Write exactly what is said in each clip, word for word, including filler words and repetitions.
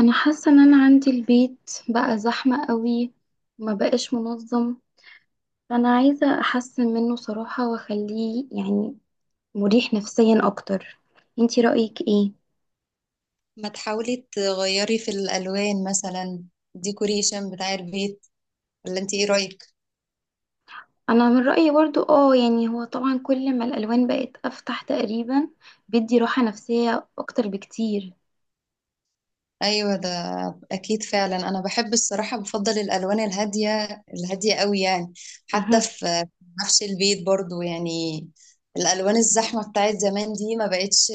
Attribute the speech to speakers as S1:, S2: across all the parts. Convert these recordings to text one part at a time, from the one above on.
S1: انا حاسه ان انا عندي البيت بقى زحمه قوي، وما بقاش منظم. فانا عايزه احسن منه صراحه واخليه يعني مريح نفسيا اكتر. انتي رايك ايه؟
S2: ما تحاولي تغيري في الألوان مثلا، ديكوريشن بتاع البيت، ولا انت ايه رأيك؟
S1: انا من رايي برضو، اه يعني هو طبعا كل ما الالوان بقت افتح تقريبا بيدي راحه نفسيه اكتر بكتير.
S2: ايوه ده اكيد فعلا. انا بحب الصراحة بفضل الألوان الهادية الهادية قوي يعني، حتى
S1: مهم.
S2: في نفس البيت برضو. يعني الألوان الزحمة بتاعت زمان دي ما بقتش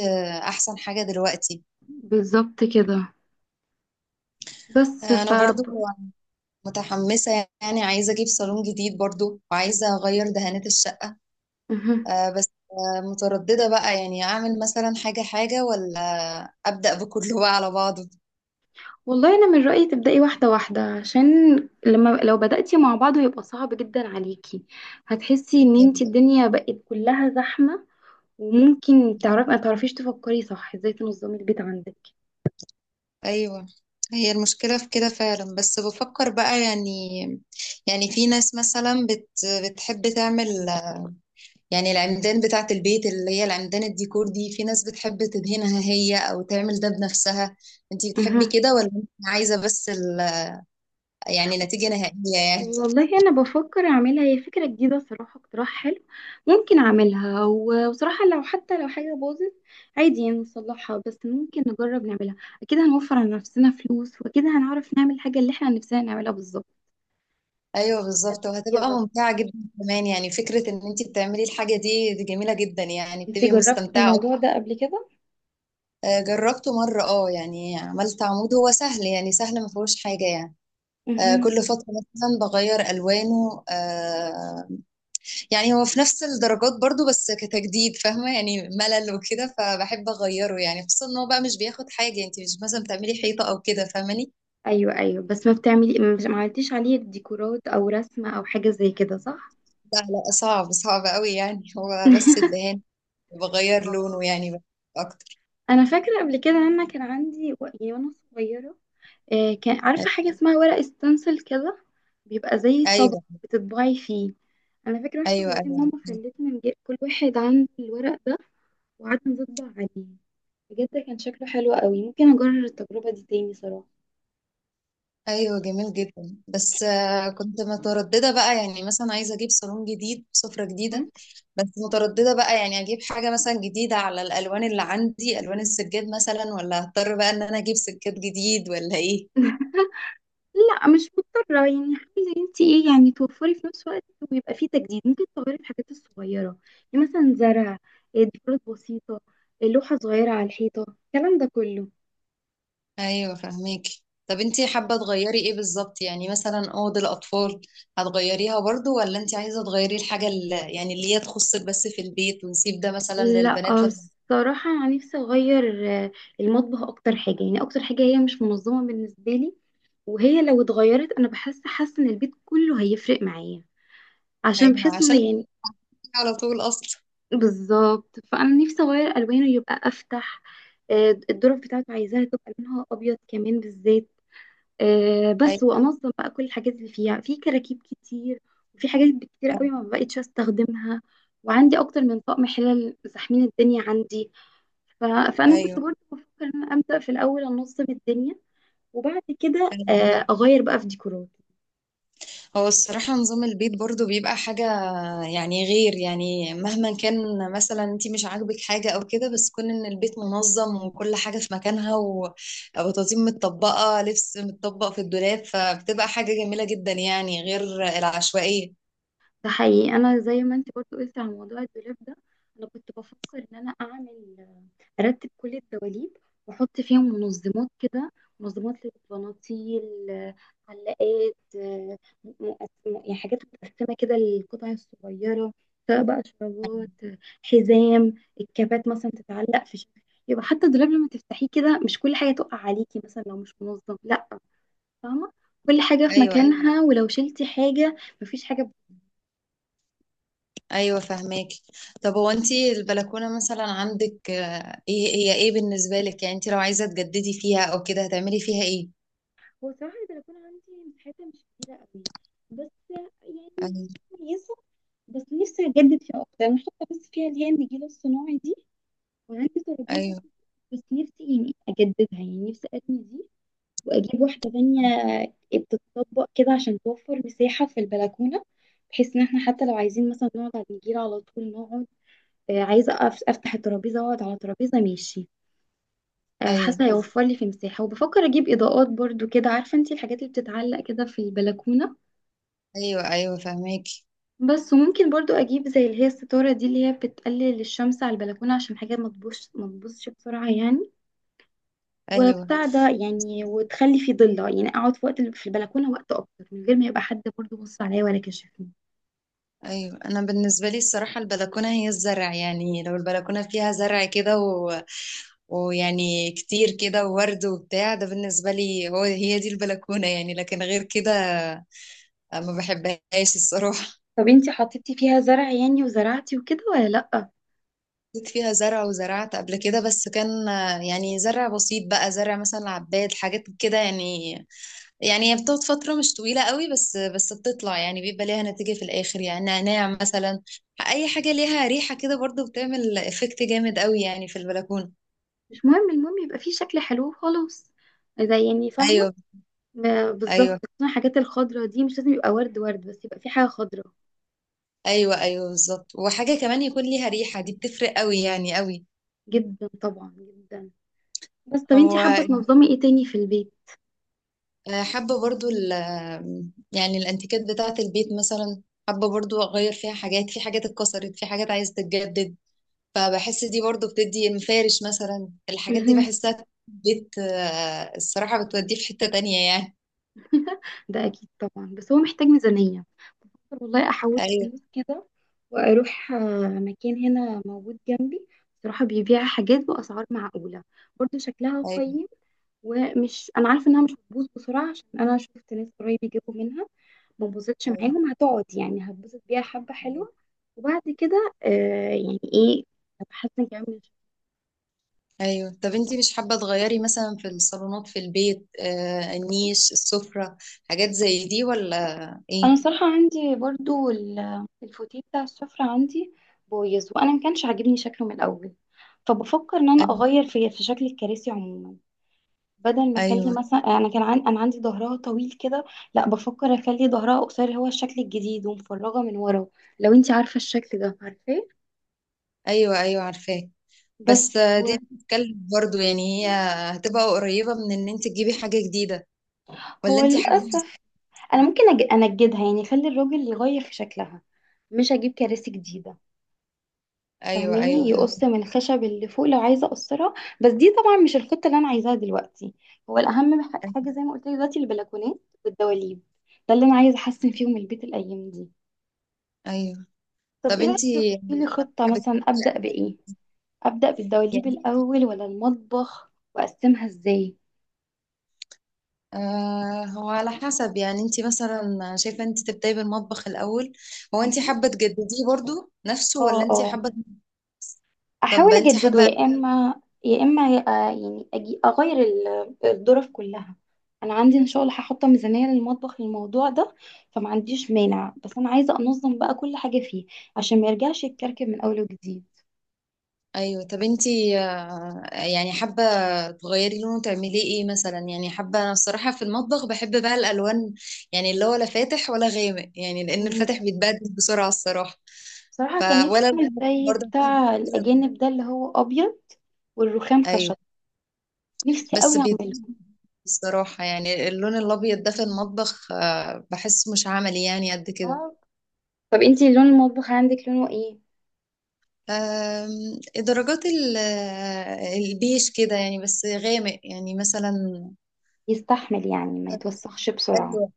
S2: احسن حاجة دلوقتي.
S1: بالظبط كده، بس ف
S2: انا برضو متحمسة، يعني عايزة اجيب صالون جديد برضو وعايزة اغير دهانات الشقة.
S1: مهم.
S2: آه بس آه مترددة بقى، يعني أعمل مثلا حاجة حاجة ولا أبدأ بكله بقى على بعضه.
S1: والله انا من رايي تبداي واحده واحده، عشان لما لو بداتي مع بعض هيبقى صعب جدا عليكي. هتحسي ان انت الدنيا بقت كلها زحمه، وممكن تعرفي ما تعرفيش تفكري صح ازاي تنظمي البيت عندك.
S2: أيوة، هي المشكلة في كده فعلا، بس بفكر بقى يعني. يعني في ناس مثلا بت بتحب تعمل يعني العمدان بتاعة البيت، اللي هي العمدان الديكور دي، في ناس بتحب تدهنها هي أو تعمل ده بنفسها. انتي بتحبي
S1: أها.
S2: كده ولا انتي عايزة بس ال يعني نتيجة نهائية يعني؟
S1: والله انا بفكر اعملها هي، فكره جديده صراحه، اقتراح حلو. ممكن اعملها، و- وصراحه لو حتى لو حاجه باظت عادي يعني نصلحها. بس ممكن نجرب نعملها، اكيد هنوفر على نفسنا فلوس، واكيد هنعرف نعمل الحاجه اللي احنا نفسنا نعملها.
S2: ايوه بالظبط، وهتبقى
S1: بالظبط.
S2: ممتعه جدا كمان. يعني فكره ان انت بتعملي الحاجه دي دي جميله جدا يعني،
S1: انتي
S2: بتبقي
S1: جربتي
S2: مستمتعه أكتر.
S1: الموضوع ده قبل كده؟
S2: آه، جربته مره. اه يعني عملت عمود، هو سهل يعني، سهل ما فيهوش حاجه يعني. آه،
S1: مهم.
S2: كل فتره مثلا بغير الوانه. آه، يعني هو في نفس الدرجات برضو، بس كتجديد فاهمه، يعني ملل وكده فبحب اغيره يعني، خصوصا ان هو بقى مش بياخد حاجه. انت مش مثلا بتعملي حيطه او كده، فاهماني؟
S1: ايوه ايوه، بس ما بتعملي مش- ما عملتيش عليه ديكورات او رسمه او حاجه زي كده، صح؟
S2: لا لا، صعب صعب قوي يعني، هو بس الدهان بغير
S1: اه،
S2: لونه يعني، بس اكتر.
S1: انا فاكره قبل كده ان انا كان عندي، و- يعني وانا صغيره، آه، كان عارفه حاجه اسمها ورق ستنسل كده. بيبقى زي طبق
S2: ايوه،
S1: بتطبعي فيه. انا فاكره واحنا
S2: ايوه،
S1: صغيرين
S2: ايوه،
S1: ماما خلتنا نجيب كل واحد عنده الورق ده، وقعدنا نطبع عليه. بجد كان شكله حلو قوي، ممكن اجرب التجربه دي تاني صراحه.
S2: ايوه جميل جدا. بس آه، كنت متردده بقى، يعني مثلا عايزه اجيب صالون جديد، سفره جديده، بس متردده بقى، يعني اجيب حاجه مثلا جديده على الالوان اللي عندي، الوان السجاد مثلا، ولا هضطر بقى ان انا اجيب سجاد جديد ولا ايه؟
S1: لا، مش مضطرة، يعني عايزة انت ايه؟ يعني توفري في نفس الوقت ويبقى فيه تجديد. ممكن تغيري الحاجات الصغيرة، يعني مثلا زرع، إيه، ديكورات بسيطة، إيه، لوحة صغيرة على الحيطة، الكلام ده كله.
S2: ايوه فهميكي. طب انتي حابه تغيري ايه بالظبط؟ يعني مثلا اوض الاطفال هتغيريها برضو، ولا انتي عايزه تغيري الحاجه اللي يعني اللي هي تخصك بس في البيت، ونسيب ده مثلا
S1: لا،
S2: للبنات لما…
S1: الصراحة أنا نفسي أغير آه، المطبخ. أكتر حاجة، يعني أكتر حاجة هي مش منظمة بالنسبة لي. وهي لو اتغيرت أنا بحس حاسة إن البيت كله هيفرق معايا. عشان
S2: ايوه،
S1: بحس إن
S2: عشان
S1: يعني،
S2: على طول اصلا.
S1: بالظبط. فانا نفسي اغير الوانه يبقى افتح. آه، الدرج بتاعته عايزاها تبقى لونها ابيض كمان بالذات. آه، بس
S2: ايوه.
S1: وانظم بقى كل الحاجات اللي فيها في كراكيب كتير. وفي حاجات كتير
S2: أيوه.
S1: قوي ما بقتش استخدمها. وعندي اكتر من طقم حلل، زحمين الدنيا عندي. ف... فانا كنت
S2: ايوه،
S1: برضه بفكر ان انا ابدا في الاول انظم الدنيا، وبعد كده
S2: أيوة
S1: آه،
S2: بالظبط.
S1: اغير بقى في ديكوراتي.
S2: هو الصراحة نظام البيت برضو بيبقى حاجة يعني غير، يعني مهما كان مثلا انتي مش عاجبك حاجة او كده، بس كون ان البيت منظم وكل حاجة في مكانها و- وتنظيم، متطبقة لبس، متطبق في الدولاب، فبتبقى حاجة جميلة جدا يعني، غير العشوائية.
S1: ده حقيقي. انا زي ما انت برضه قلت على موضوع الدولاب ده، انا كنت بفكر ان انا اعمل ارتب كل الدواليب، واحط فيهم منظمات كده. منظمات للبناطيل، آه، علاقات، آه، مقسم- يعني حاجات متقسمه كده للقطع الصغيره، سواء بقى شرابات، آه، حزام، الكابات مثلا تتعلق في شكل. يبقى حتى الدولاب لما تفتحيه كده مش كل حاجه تقع عليكي، مثلا لو مش منظم. لا، فاهمه، كل حاجه في، ايوه،
S2: ايوه،
S1: مكانها. ولو شلتي حاجه مفيش حاجه بت-
S2: ايوه فهماكي. طب هو انتي البلكونة مثلا عندك، آه، ايه هي، ايه بالنسبة لك؟ يعني انتي لو عايزة تجددي فيها او كده هتعملي فيها ايه؟
S1: هو صراحه البلكونه عندي مساحتها مش كبيره قوي، بس يعني هي
S2: ايوه،
S1: كويسه. بس نفسي اجدد فيها اكتر. انا حاطه بس فيها اللي هي النجيله الصناعي دي، وعندي ترابيزه.
S2: ايوه،
S1: بس نفسي يعني اجددها، يعني نفسي ارمي دي واجيب واحده تانية بتتطبق كده عشان توفر مساحه في البلكونه، بحيث ان احنا حتى لو عايزين مثلا نقعد على النجيله على طول نقعد. آه، عايزه أقف- افتح الترابيزه واقعد على ترابيزه ماشي. آه،
S2: ايوه،
S1: حاسه هيوفر لي في مساحه، وبفكر اجيب اضاءات برضو كده، عارفه انتي الحاجات اللي بتتعلق كده في البلكونه.
S2: ايوه، ايوه فهماك.
S1: بس وممكن برضو اجيب زي اللي هي الستارة دي، اللي هي بتقلل الشمس على البلكونة، عشان حاجة ما تبوظش ما تبوظش بسرعة يعني.
S2: ايوه،
S1: وبتاع ده يعني، وتخلي في ضلة يعني اقعد في وقت في البلكونة وقت اكتر، من غير ما يبقى حد برضو بص عليا ولا كشفني.
S2: ايوه. انا بالنسبه لي الصراحه البلكونه هي الزرع، يعني لو البلكونه فيها زرع كده و… ويعني كتير كده، وورد وبتاع ده، بالنسبه لي هو هي دي البلكونه يعني، لكن غير كده ما بحبهاش الصراحه.
S1: طب انتي حطيتي فيها زرع يعني وزرعتي وكده، ولا لأ؟
S2: جيت فيها زرع وزرعت قبل كده، بس كان يعني زرع بسيط بقى، زرع مثلا عباد، حاجات كده يعني. يعني هي بتقعد فترة مش طويلة قوي، بس بس بتطلع يعني، بيبقى ليها نتيجة في الآخر يعني، نعناع مثلا. أي حاجة ليها ريحة كده برضو بتعمل إفكت جامد قوي يعني في البلكونة.
S1: مش مهم، المهم يبقى فيه شكل حلو وخلاص. زي يعني، فاهمة؟
S2: أيوه،
S1: ب- بالظبط،
S2: أيوه،
S1: خصوصاً الحاجات الخضرا دي مش لازم يبقى ورد ورد، بس يبقى في حاجة خضرا.
S2: أيوه، أيوه بالظبط. وحاجة كمان يكون ليها ريحة، دي بتفرق قوي يعني، قوي.
S1: جدا طبعا جدا. بس طب انتي
S2: هو
S1: حابة تنظمي ايه تاني في البيت؟
S2: آه، حابة برضو ال آه، يعني الأنتيكات بتاعة البيت مثلا. حابة برضو أغير فيها حاجات، في حاجات اتكسرت، في حاجات عايزة تتجدد. فبحس دي برضو بتدي المفارش مثلا، الحاجات دي بحسها بت آه، الصراحة بتوديه في حتة تانية يعني.
S1: ده اكيد طبعا، بس هو محتاج ميزانية. والله احوش
S2: ايوه،
S1: فلوس كده واروح آه، مكان هنا موجود جنبي، بصراحة بيبيع حاجات بأسعار معقولة، برضه شكلها
S2: ايوه،
S1: قيم. ومش، انا عارفة انها مش هتبوظ بسرعة، عشان انا شفت ناس قريب يجيبوا منها ما بوظتش
S2: ايوه،
S1: معاهم، هتقعد يعني هتبوظ بيها حبة
S2: ايوه،
S1: حلوة. وبعد كده، آه يعني ايه، هتحسن كمان.
S2: ايوه. طب انتي مش حابة تغيري مثلا في الصالونات في البيت، آه النيش، السفرة، حاجات زي دي ولا ايه؟
S1: انا صراحه عندي برضو ال- الفوتيه بتاع السفره عندي بايظ، وانا ما كانش عاجبني شكله من الاول. فبفكر ان انا
S2: ايوه،
S1: اغير في في شكل الكراسي عموما. بدل ما اخلي
S2: ايوه،
S1: مثلا، انا كان عن... انا عندي ظهرها طويل كده. لا، بفكر اخلي ظهرها قصير، هو الشكل الجديد ومفرغه من ورا. لو انت عارفه الشكل ده، عارفاه.
S2: ايوه، أيوة عارفاه.
S1: بس
S2: بس آه، دي
S1: هو،
S2: بتتكلم برضو يعني، هي هتبقى قريبة من ان انت تجيبي حاجة جديدة، ولا
S1: هو
S2: انتي حابة…
S1: للاسف انا ممكن أج... انجدها، يعني اخلي الراجل يغير في شكلها، مش اجيب كراسي جديده.
S2: ايوه، ايوه
S1: فاهماني؟ يقص
S2: فاهمة.
S1: من الخشب اللي فوق لو عايزه اقصرها. بس دي طبعا مش الخطه اللي انا عايزاها دلوقتي. هو الاهم ح-
S2: ايوه.
S1: حاجه، زي ما قلت لك دلوقتي، البلكونات والدواليب، ده اللي انا عايزه احسن فيهم البيت الايام دي.
S2: أيوه.
S1: طب
S2: طب
S1: ايه رايك تحطي
S2: انتي
S1: لي خطه؟
S2: حابة…
S1: مثلا ابدا بايه؟ ابدا بالدواليب الاول ولا المطبخ؟ واقسمها ازاي؟
S2: آه هو على حسب، يعني انت مثلا شايفة انت تبدأي بالمطبخ الأول؟ هو انت
S1: مهم.
S2: حابة تجدديه برضو نفسه،
S1: اه
S2: ولا انت
S1: اه،
S2: حابة… طب
S1: احاول
S2: انت
S1: اجدده
S2: حابة…
S1: يا اما يا اما، آه، يعني أجي اغير ال- الظرف كلها. انا عندي ان شاء الله هحط ميزانيه للمطبخ للموضوع ده، فما عنديش مانع. بس انا عايزه انظم بقى كل حاجه فيه عشان ما يرجعش يتكركب من اول وجديد.
S2: ايوه، طب انت آه يعني حابة تغيري لونه، تعمليه ايه مثلا؟ يعني حابة، انا الصراحة في المطبخ بحب بقى الألوان يعني اللي هو لا فاتح ولا غامق، يعني لأن
S1: مم.
S2: الفاتح بيتبدل بسرعة الصراحة،
S1: بصراحه
S2: ف
S1: كان نفسي
S2: ولا
S1: اعمل
S2: الغامق
S1: زي
S2: برضه.
S1: بتاع الاجانب ده اللي هو ابيض، والرخام
S2: ايوه،
S1: خشب، نفسي
S2: بس
S1: قوي اعمله.
S2: بيتبدل الصراحة. يعني اللون الأبيض ده في المطبخ آه بحس مش عملي يعني قد كده.
S1: آه. طب انتي لون المطبخ عندك لونه ايه؟
S2: أم، درجات ال- البيش كده يعني، بس غامق يعني مثلا.
S1: يستحمل يعني ما يتوسخش بسرعه؟
S2: أيوة.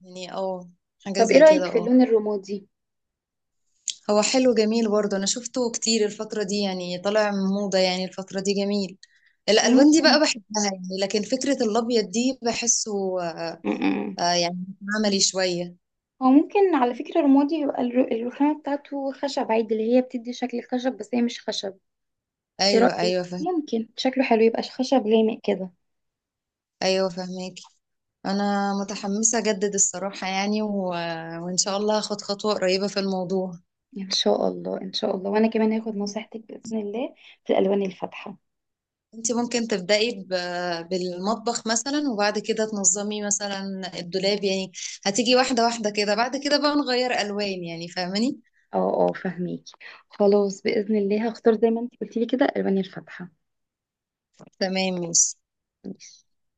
S2: يعني اه، حاجة
S1: طب ايه
S2: زي
S1: رايك
S2: كده
S1: في
S2: اه.
S1: اللون الرمادي؟
S2: هو حلو، جميل برضه. انا شفته كتير الفترة دي يعني، طالع موضة يعني الفترة دي، جميل. الالوان دي بقى بحبها يعني، لكن فكرة الابيض دي بحسه
S1: مم.
S2: آه، يعني عملي شوية.
S1: هو ممكن على فكرة رمادي، يبقى الر- الرخامة بتاعته خشب عادي، اللي هي بتدي شكل الخشب بس هي مش خشب. ايه
S2: ايوه،
S1: رأيك؟
S2: ايوه فهم.
S1: ممكن شكله حلو، يبقى خشب لامق كده.
S2: ايوه فهماكي. انا متحمسة اجدد الصراحة يعني و… وان شاء الله هاخد خطوة قريبة في الموضوع.
S1: ان شاء الله ان شاء الله، وانا كمان هاخد نصيحتك بإذن الله في الألوان الفاتحة.
S2: انت ممكن تبدأي ب- بالمطبخ مثلا، وبعد كده تنظمي مثلا الدولاب يعني. هتيجي واحدة واحدة كده، بعد كده بقى نغير ألوان، يعني فاهماني؟
S1: اه اه، فهميكي. خلاص، بإذن الله هختار زي ما انت قلتي لي كده الألوان الفاتحة.
S2: تمام ماشي.
S1: ماشي.